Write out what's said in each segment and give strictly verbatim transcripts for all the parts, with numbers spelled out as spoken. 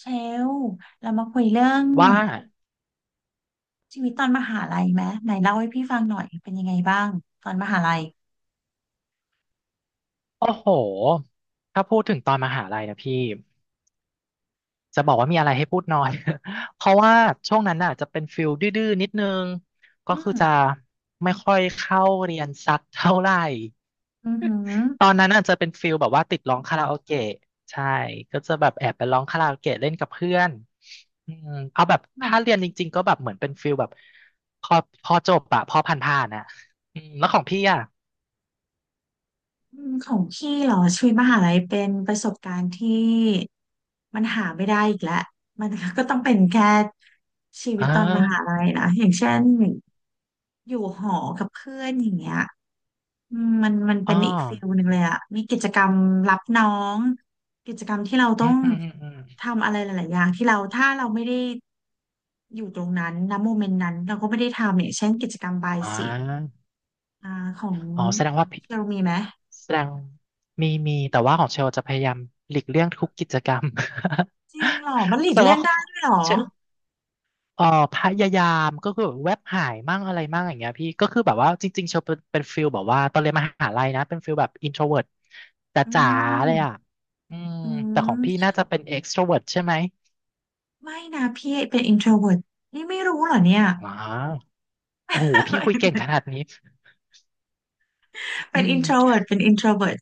เชลเรามาคุยเรื่องว่าชีวิตตอนมหาลัยไหมไหนเล่าให้พี่ฟังหน่อยเป็นยังไงบ้างตอนมหาลัยโอ้โหถ้าพูดถึงตอนมหาลัยนะพี่จะบอกว่ามีอะไรให้พูดน้อย เพราะว่าช่วงนั้นน่ะจะเป็นฟิลดื้อๆนิดนึง ก็อืคือมจะไม่ค่อยเข้าเรียนสักเท่าไหร่อือหือตอนนั้นน่ะจะเป็นฟิลแบบว่าติดร้องคาราโอเกะใช่ ก็จะแบบแอบไปร้องคาราโอเกะเล่นกับเพื่อนอืมเอาแบบหมาถ้าเรียยนจริงๆก็แบบเหมือนเป็นฟิลแบบพอพอจบอะพอผ่านๆอะอืมแล้วของพี่อะอืมของพี่เหรอชีวิตมหาลัยเป็นประสบการณ์ที่มันหาไม่ได้อีกแล้วมันก็ต้องเป็นแค่ชีวิอ่ตตอนมหาาลัยนะอย่างเช่น อยู่หอกับเพื่อนอย่างเงี้ยอืมมันมันเป็อ๋อนอีกฟิลหนึ่งเลยอะมีกิจกรรมรับน้องกิจกรรมที่เราอืต้อมงอืมอืมอมทำอะไรหลายๆอย่างที่เราถ้าเราไม่ได้อยู่ตรงนั้นณโมเมนต์นั้นเราก็ไม่ได้ทำเนี่ยเช่นกิจกรรมบายอ่สีา อ่าของอ๋อแสดงว่าพี่เชลมีไหมแสดงมีมีแต่ว่าของเชลจะพยายามหลีกเลี่ยงทุกกิจกรรม จริงเหรอมันหลี กแต่เลี่ยว่างเขาได้ด้วยเหรอชลเอ่อพยายามก็คือแบบแวบหายมั่งอะไรมั่งอย่างเงี้ยพี่ก็คือแบบว่าจริงๆเชลเป็นเป็นฟิลแบบว่าตอนเรียนมหาลัยนะเป็นฟิลแบบอินโทรเวิร์ตอืจ๋าๆเลยอ่ะมอืมอืแต่ของพี่มน่าจะเป็นเอ็กโทรเวิร์ตใช่ไหมไม่นะพี่เป็น introvert นี่ไม่รู้เหรอเนี่ย อ๋อโอ้โหพี่คุยเก่ง ขนาดนี้อืเป็น ม อินโทรเวิร์ต เป็น อินโทรเวิร์ต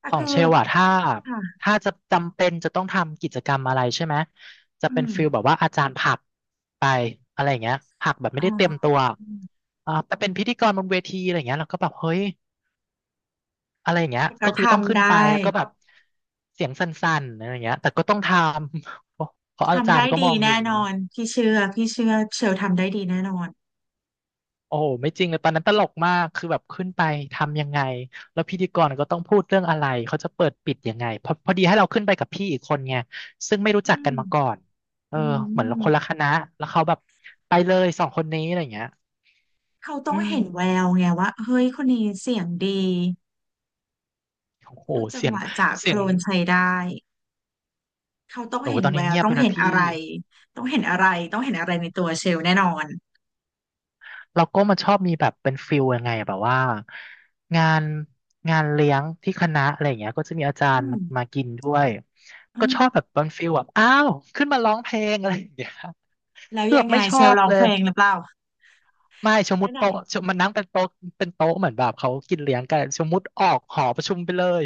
แต่ของคือเชลอะถ้าค่ะถ้าจะจำเป็นจะต้องทำกิจกรรมอะไรใช่ไหมจะอืเป็นฟิลม แบบว่าอาจารย์ผลักไปอะไรอย่างเงี้ยผลักแบบไม่ได้เตรียมอ่าตัวอ่าไปเป็นพิธีกรบนเวทีอะไรอย่างเงี้ยเราก็แบบเฮ้ยอะไรอย่างเงี้ยก็ก็คือต้องทำขึ้นไปได้แล้วก็แบบเสียงสั่นๆอะไรอย่างเงี้ยแต่ก็ต้องทำ เพราะเพราะอาทำจารได้ย์ก็มดีองอแน่ยู่ นอนพี่เชื่อพี่เชื่อเชลทำได้ดีแน่นอนโอ้โหไม่จริงเลยตอนนั้นตลกมากคือแบบขึ้นไปทำยังไงแล้วพิธีกรก็ต้องพูดเรื่องอะไรเขาจะเปิดปิดยังไงพอพอดีให้เราขึ้นไปกับพี่อีกคนไงซึ่งไม่รู้อืจักกันมมาก่อนเออือเหมือนเราคนมละคณะแล้วเขาแบบไปเลยสองคนนี้อะไรอย่างเงี้ยเขาต้ออืงมเห็นแววไงว่าเฮ้ยคนนี้เสียงดีโอ้โหพูดจังเสียหงวะจากเสีโคยลงนใช้ได้เขาต้องโอ้โหเห็นตอนแวนี้วเงียบต้อไปงนะเห็นพี่ อะไรต้องเห็นอะไรต้องเห็นอะไรในตัวเชลแน่นอนแล้วก็มันชอบมีแบบเป็นฟิลยังไงอะแบบว่างานงานเลี้ยงที่คณะอะไรอย่างเงี้ยก็จะมีอาจาอืรย์มมามากินด้วยอืก็มชอบแบบเป็นฟิลแบบอ้าวขึ้นมาร้องเพลงอะไรอย่างเงี้ยแล้วคือแบยับงไงไม่ชเชอลบร้องเลเพยลงหรือเปล่าไม่สมมได้ติไหน โต๊ะมันนั่งเป็นโต๊ะเป็นโต๊ะเหมือนแบบเขากินเลี้ยงกันสมมติออกหอประชุมไปเลย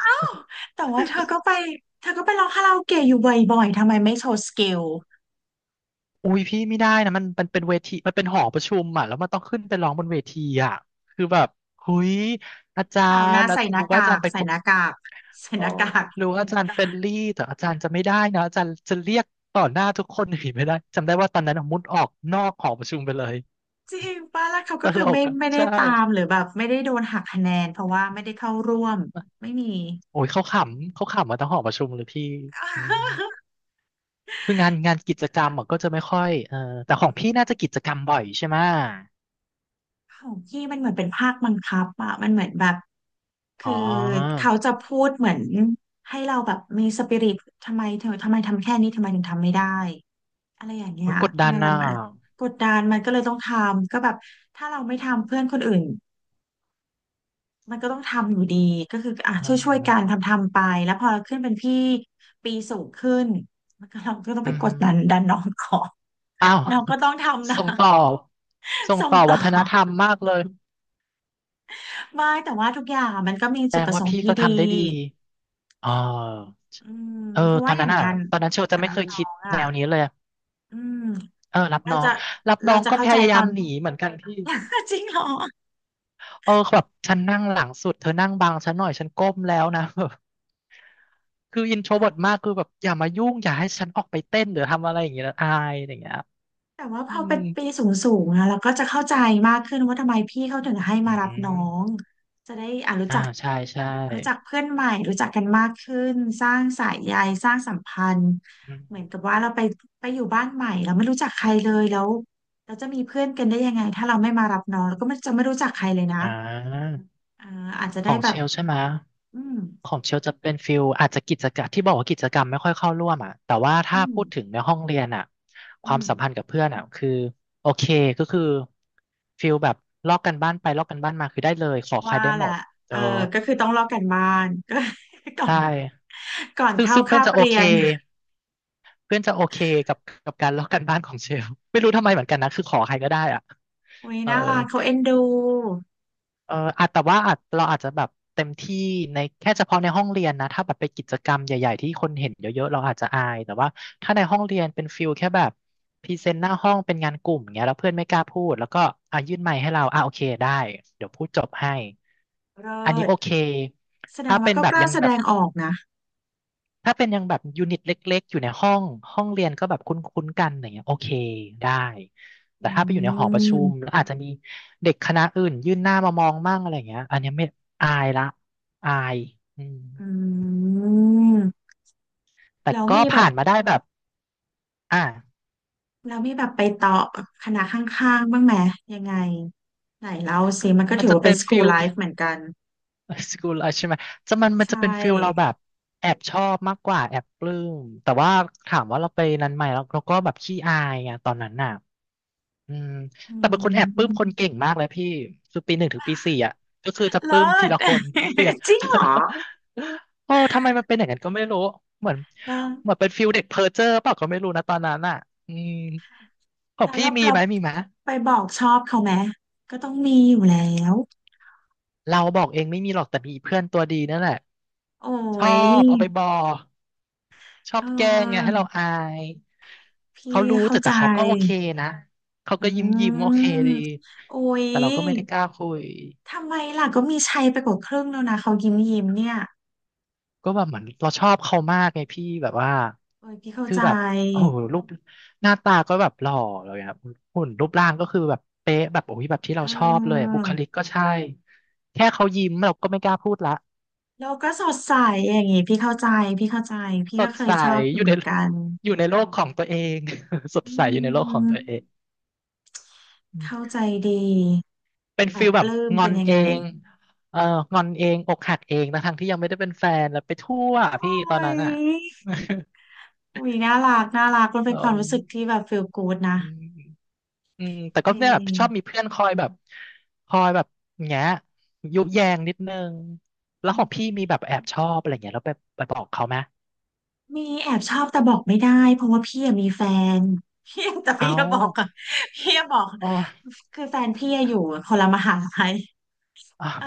แต่ว่าเธอก็ไปเธอก็ไปร้องคาราโอเกะอยู่บ่อยๆทำไมไม่โชว์สกิล อุ้ยพี่ไม่ได้นะมันมันเป็นเวทีมันเป็นหอประชุมอ่ะแล้วมันต้องขึ้นไปร้องบนเวทีอ่ะคือแบบหุยอาจาข่าวหรน้าย์อาจใส่หน้ารู้ว่าอากาจารกย์เป็นใส่คน หน้ากากใส่อ๋หอน้ากากรู้อาจารย์เฟรนลี่แต่อาจารย์จะไม่ได้นะอาจารย์จะเรียกต่อหน้าทุกคนหนีไม่ได้จำได้ว่าตอนนั้นอะมุดออกนอกหอประชุมไปเลยจริงป้าแล้วเขาตก็คืลอกไม่อ่ะไม่ได้ใช่ตามหรือแบบไม่ได้โดนหักคะแนนเพราะว่าไม่ได้เข้าร่วมไม่มีโอ้ยเขาขำเขาขำมาทั้งหอประชุมเลยพี่อืมคืองานงานกิจกรรมอะก็จะไม่ค่อยเออแต่ของพี่น่าจะกิจกรรมบ่อยใช่ไหมของพี่มันเหมือนเป็นภาคบังคับอะมันเหมือนแบบอ๋คืออเขาจะพูดเหมือนให้เราแบบมีสปิริตทำไมเธอทำไมทำแค่นี้ทำไมถึงทำไม่ได้อะไรอย่างเงี้โอ้ยยกดดัทำนไมเราอ่ะมันกดดันมันก็เลยต้องทำก็แบบถ้าเราไม่ทำเพื่อนคนอื่น มันก็ต้องทำอยู่ดีก็คืออ่ะอ่ช่วยช่วยากันทำทำไปแล้วพอเราขึ้นเป็นพี่ปีสูงขึ้นมันก็เราก็ต้องอืไปมกดฮึดันดันน้องก่อนอ้าว น้องก็ต้องทำ นะ ส่งต่อส่ งส่งต่อต่วัอฒนธรรมมากเลยไม่แต่ว่าทุกอย่างมันก็มีแสดจุดงประสว่างค์พี่ที่ก็ดีทำได้ดีอ๋อ อืมเออเพราะตอว่านอย่านั้นงอ่ะงานตอนนั้นเชลจะไม่เคยคิดอ่ะแนวนี้เลยอืมเออรับเราน้องจะรับน้เราองจะก็เข้าพใจยาตยาอมน หนีเหมือนกันพี่ จริงเหรอ เออแบบฉันนั่งหลังสุดเธอนั่งบังฉันหน่อยฉันก้มแล้วนะ คืออินโทรเวิร์ตมากคือแบบอย่ามายุ่งอย่าให้ฉันออกไปเต้นหรือทำอะไรอย่างเงี้ยนะอายอะไรอย่างเงี้ยแต่ว่าพอือมเป็นปีสูงสูงอะเราก็จะเข้าใจมากขึ้นว่าทำไมพี่เขาถึงให้อืมารับน้อมงจะได้อ่ารู้อ่าจักใช่ใช่รู้จักเพื่อนใหม่รู้จักกันมากขึ้นสร้างสายใยสร้างสัมพันธ์อืมเหมือนกับว่าเราไปไปอยู่บ้านใหม่เราไม่รู้จักใครเลยแล้วเราจะมีเพื่อนกันได้ยังไงถ้าเราไม่มารับน้องเราก็ไม่จะไม่รู้จักใครเลยนะอ่าเอออาจจะขได้องแบเชบลใช่ไหม อืมของเชลจะเป็นฟิลอาจจะกิจกรรมที่บอกว่ากิจกรรมไม่ค่อยเข้าร่วมอ่ะแต่ว่าอืถ้ามพูดถึงในห้องเรียนอ่ะคอืวามมสัมพันธ์กับเพื่อนอ่ะคือโอเคก็คือฟิลแบบลอกกันบ้านไปลอกกันบ้านมาคือได้เลยขอใครว่าได้แหหมละดเอเอออก็คือต้องลอกกันบ้านก็ ก่อใช่นก่อนซึ่งเข้าซึ่งเพื่อคานบจะโอเรีเคยน เพื่อนจะโอเคกับกับการลอกกันบ้านของเชลไม่รู้ทำไมเหมือนกันนะคือขอใครก็ได้อ่ะอุ้ยเออ น่ารักเขาเอ็นดูเอออาจแต่ว่าอาจเราอาจจะแบบเต็มที่ในแค่เฉพาะในห้องเรียนนะถ้าแบบไปกิจกรรมใหญ่ๆที่คนเห็นเยอะๆเราอาจจะอาย แต่ว่าถ้าในห้องเรียนเป็นฟิลแค่แบบพรีเซนต์หน้าห้องเป็นงานกลุ่มเงี้ยแล้วเพื่อนไม่กล้าพูดแล้วก็อ่ะยื่นไมค์ให้เราอ่ะโอเคได้เดี๋ยวพูดจบให้เลิอันนี้โอเคศแสดถ้างว่าเป็นก็แบกบล้ายังแสแบดบ งออกนะ ถ้าเป็นยังแบบยูนิตเล็กๆอยู่ในห้องห้องเรียนก็แบบคุ้นๆกันอย่างเงี้ยโอเคได้อืแต่ถ้าไปอยู่ในหอประชุมมแล้วอาจจะมีเด็กคณะอื่นยื่นหน้ามามองมั่งอะไรอย่างเงี้ยอันเนี้ยไม่อายละอายอืมอืมแต่แล้วก็มีแบผ่าบนมาได้แบบอ่ะแล้วมีแบบไปต่อคณะข้างๆบ้างไหมยังไงไหนเล่าสิมันก็มันถือจะว่าเป็เป็นนสกู ฟิ l ล ไลฟ์เหมือนกัน สกูลใช่ไหมจะมันมันใชจะเป็นฟิลเราแบ่บแอบชอบมากกว่าแอบปลื้มแต่ว่าถามว่าเราไปนั้นไหมแล้วเราก็แบบขี้อายไงตอนนั้นน่ะ อืมอืแต่เป็นคนแอบปลื้มคนมเก่งมากเลยพี่คือปีหนึ่งถึงปีสี่อ่ะก็คือจะปเลิลื้มทีศ ละคน เปลี่ยน จริงเหรอ โอ้ทำไมมันเป็นอย่างนั้นก็ไม่รู้เหมือนแล้วเหมือนเป็นฟิลเด็กเพอเจอร์เปล่าก็ไม่รู้นะตอนนั้นอ่ะอืมของแล้วพี่เรามีเราไหมมีไหมไปบอกชอบเขาไหมก็ต้องมีอยู่แล้วเราบอกเองไม่มีหรอกแต่มีเพื่อนตัวดีนั่นแหละโอ้ชอยบเอาไปบอชอเอบแกล้งไงให้อเราอายพี่เขารู้เข้าแต่ใจ แต่เขาก็โอเคนะเขาอืก็ยิ้มยิ้มโอเคมดีโอ้ยแต่เราก็ไม่ได้กล้าคุย ทำไมล่ะก็มีชัยไปกว่าครึ่งแล้วนะเขายิ้มยิ้มเนี่ยก็แบบเหมือนเราชอบเขามากไงพี่แบบว่าโอ้ยพี่เข้าคือใจแบบโอ้โหรูปหน้าตาก็แบบหล่อเลยอะหุ่นรูปร่างก็คือแบบเป๊ะแบบโอ้ยแบบที่เราเอชอบเลยอะอบุคลิกก็ใช่แค่เขายิ้มเราก็ไม่กล้าพูดละแล้วก็สดใสอย่างงี้พี่เข้าใจพี่เข้าใจพี่สก็ดเคใสยชอบออยู่ยู่เหใน มือน กันอยู่ในโลกของตัวเอง สดอืใสอยู่ในโลกของตัวเอมงอืเข้ามใจดีเป็นแบฟิบลปแบบลื้มงอเป็นนยังเอไงงเอองอนเองอกหักเองนะทั้งที่ยังไม่ได้เป็นแฟนแล้วไปทั่วโอ้พี่ตอนนั้นอ่ะ ยอุ้ยน่ารักน่ารักมัน เป็เนความรู้สึกที่ออ แบบ ฟีล กู้ด นะอืมแต่จก็ริเนี่ยแบบชอบมีง เพื่อนคอยแบบคอยแบบแงะยุแยงนิดนึงแล้วของพี่มีแบบแอบชอบอะไรเงี้ยแล้วไปไปบอกเขาไหมมีแอบชอบแต่บอกไม่ได้เพราะว่าพี่อะมีแฟน พี่แต่เอพี่จะบอกอะาพี่จะบอกอ๋อคือแฟนพี่อะอยู่คนละมหาลัยอ๋อเออ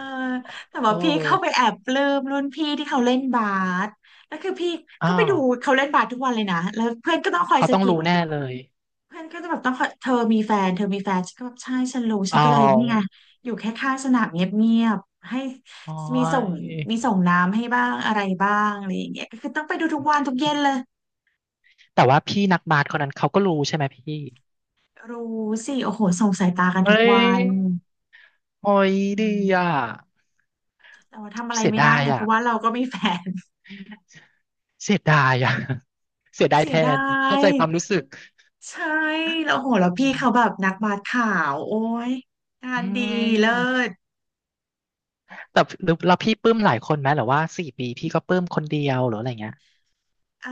แต่ว่าโอพี่เข้าไป้แอบปลื้มรุ่นพี่ที่เขาเล่นบาสแล้วคือพี่อ๋อก็ไปดูเขาเล่นบาสทุกวันเลยนะแล้วเพื่อนก็ต้องคอยเขาสะต้องกิดรู้แน่เลยเพื่อนก็จะแบบต้องคอยเธอมีแฟนเธอมีแฟนฉันก็แบบใช่ฉันรู้ฉัเอนก็เลยนี่ไงาอยู่แค่ข้างสนามเงียบๆให้อ๋อมีส่งยมีส่งน้ำให้บ้างอะไรบ้างอะไรอย่างเงี้ยก็คือต้องไปดูทุกวันทุกเย็นเลย แต่ว่าพี่นักบาสคนนั้นเขาก็รู้ใช่ไหมพี่รู้สิโอ้โหส่งสายตากันเอ้ทุกวัยนโอ้อืยดีอ่ะมแต่ว่าทำอะไรเสียไม่ได้ดายไงเพอ่ะราะว่าเราก็มีแฟน เสียดายอ่ะ เสียดายเสีแทยดานเข้ายใจความรู้สึกใช่แล้วโหแล้วพี่เขาแบบนักบาสขาวโอ้ยงาอืนดีเลิม ศแต่หรือแล้วพี่ปลื้มหลายคนไหมหรือว่าสี่ปีพี่ก็ปลื้มคนเดียวหรืออะไรเงี้ยเอ่อ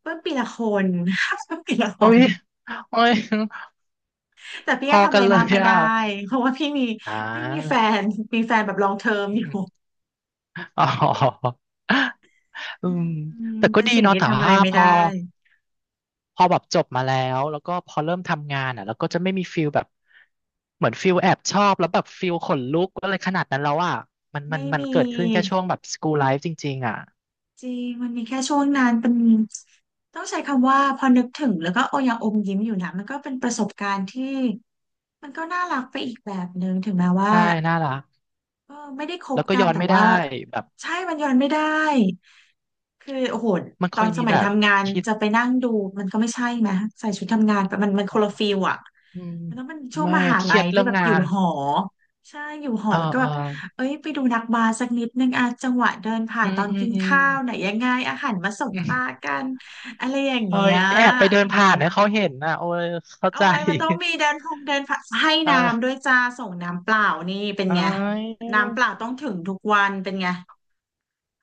เพิ่มปีละคน เพิ่มปีละคโอ้นยโอ้ยแต่พี่พก็อทำอะกันไรเลมากยไม่ได้อ่ะเพราะว่าพี่มีอ่พี่มีแฟานมีแฟนแบบลองเทอมอยู่อ๋ออืมอืมแต่ก็เป็นดีสิ่งเนาะที่แต่ทำอะไรว่าไม่พได้อพอแบบจบมาแล้วแล้วก็พอเริ่มทำงานอ่ะแล้วก็จะไม่มีฟิลแบบเหมือนฟิลแอบชอบแล้วแบบฟิลขนลุกอะไรขนาดนั้นแล้วอ่ะมันมัไม่นมันมี เกิดขึ้นแค่ช่วงแบบสกู l ไลฟ์จริงๆอ่ะจริงมันมีแค่ช่วงนั้นเป็นต้องใช้คำว่าพอนึกถึงแล้วก็โอยังอมยิ้มอยู่นะมันก็เป็นประสบการณ์ที่มันก็น่ารักไปอีกแบบหนึ่งถึงแม้ว่า ใช่น่ารักก็ไม่ได้คบแล้วก็กัย้นอนแต่ไม่ได้ว่าแบบใช่มันย้อนไม่ได้คือโอ้โหมันตเคอนยสมีมัแบยบทำงานคิด จะไปนั่งดูมันก็ไม่ใช่ไหมใส่ชุดทำงานไปมันมันคนละฟิลอะอืมมันต้องเป็นช่วงไม่มหาเคลัรียยดเรื่ที่องแบบงาอยู่นหอใช่อยู่หอเออแล้วก็เอแบอบเอ้ยไปดูนักบาสสักนิดนึงอะจังหวะเดินผ่าอืนตมอนอืมกินอืมข้าวไหนยังไงอาหารมาสบอืตามกันอะไรอย่างเอ้เงี้ยย แอบไปเดินผ่านให้เขาเห็นนะโอ้ยเข้าโอ้ใจ ยมันต้องมีเดินพงเดินผักให้ น้ำด้วเออยจ้าส่งน้ำเปล่านี่เป็นเอ้ไงยน้ำเปล่าต้องถึงทุกวันเป็นไง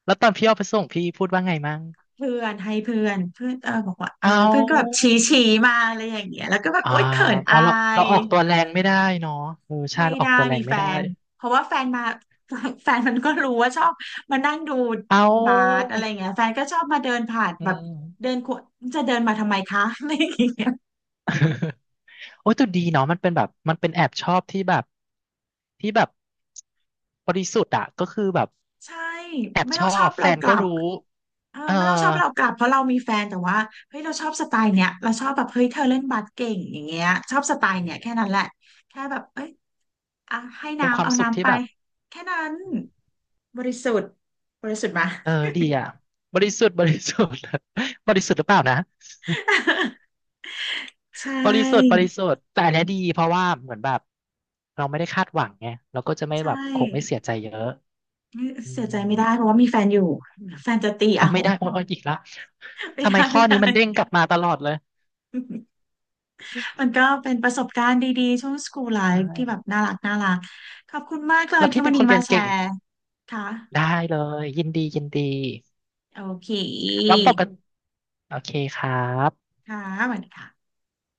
แล้วตอนพี่เอาไปส่งพี่พูดว่าไงมั่งเพื่อนให้เพื่อนเพื่อนเออบอกว่าเออแล้วเอาเพื่อนก็แบบชี้ชี้มาอะไรอย่างเงี้ยแล้วก็แบบอ่าโอ๊ยเขินอ๋ออาเราเรายออกตัวแรงไม่ได้เนาะเออใช่ไม่เราออได้กตัวแรมีงแฟไม่ได้นเพราะว่าแฟนมา แฟนมันก็รู้ว่าชอบมานั่งดูเอบาสาอะไรเงี้ยแฟนก็ชอบมาเดินผ่านอืแบบมเดินขวจะเดินมาทำไมคะอะไรอย่างเงี้ยโอ้ยแต่ดีเนาะมันเป็นแบบมันเป็นแอบชอบที่แบบที่แบบบริสุทธิ์อะก็คือแบบใช่แอบไม่ชต้อองชอบบแฟเรานกก็ลับ รู้ เออเออไม่ต้องชอบเรากลับเพราะเรามีแฟนแต่ว่าเฮ้ยเราชอบสไตล์เนี้ยเราชอบแบบเฮ้ยเธอเล่นบาสเก่งอย่างเงี้ยชอบสไตล์เนี้ยแค่มนั้นแหละแค่แบบเอ้ยอ่ะให้เป็นคน้ำวามเอาสุขน้ำที่ไปแบบแค่นั้นบริสุทธิ์บริสุทธิ์มา เออดีอ่ะบริสุทธิ์บริสุทธิ์ บริสุทธิ์หรือเปล่านะ ใชบริสุทธิ์บ่ริสุทธิ์แต่อันเนี้ยดีเพราะว่าเหมือนแบบเราไม่ได้คาดหวังไงเราก็จะไม่ใช่แบบคงไม่เสียใจเยอะนี่อืเสียใจมไม่ได้เพราะว่ามีแฟนอยู่แฟนจะตีอ๋อเอา ไม่ได้โอ้ยโอยอีกละ ไม่ทำไมได้ข้อไม่ได้ นี้มันเด้งกลับมาตลอดเลย มันก็เป็นประสบการณ์ดีๆช่วง School ใช่ Life ที่แบบน่ารักน่ารักขอบคุณมากเลยแล้วที่พี่วัเป็นนคนี้นเรีมายนแชเก่งร์ค่ะ ได้เลยยินดียินดีโอเคแล้วปกติโอเคครับค่ะสวัสดีค่ะ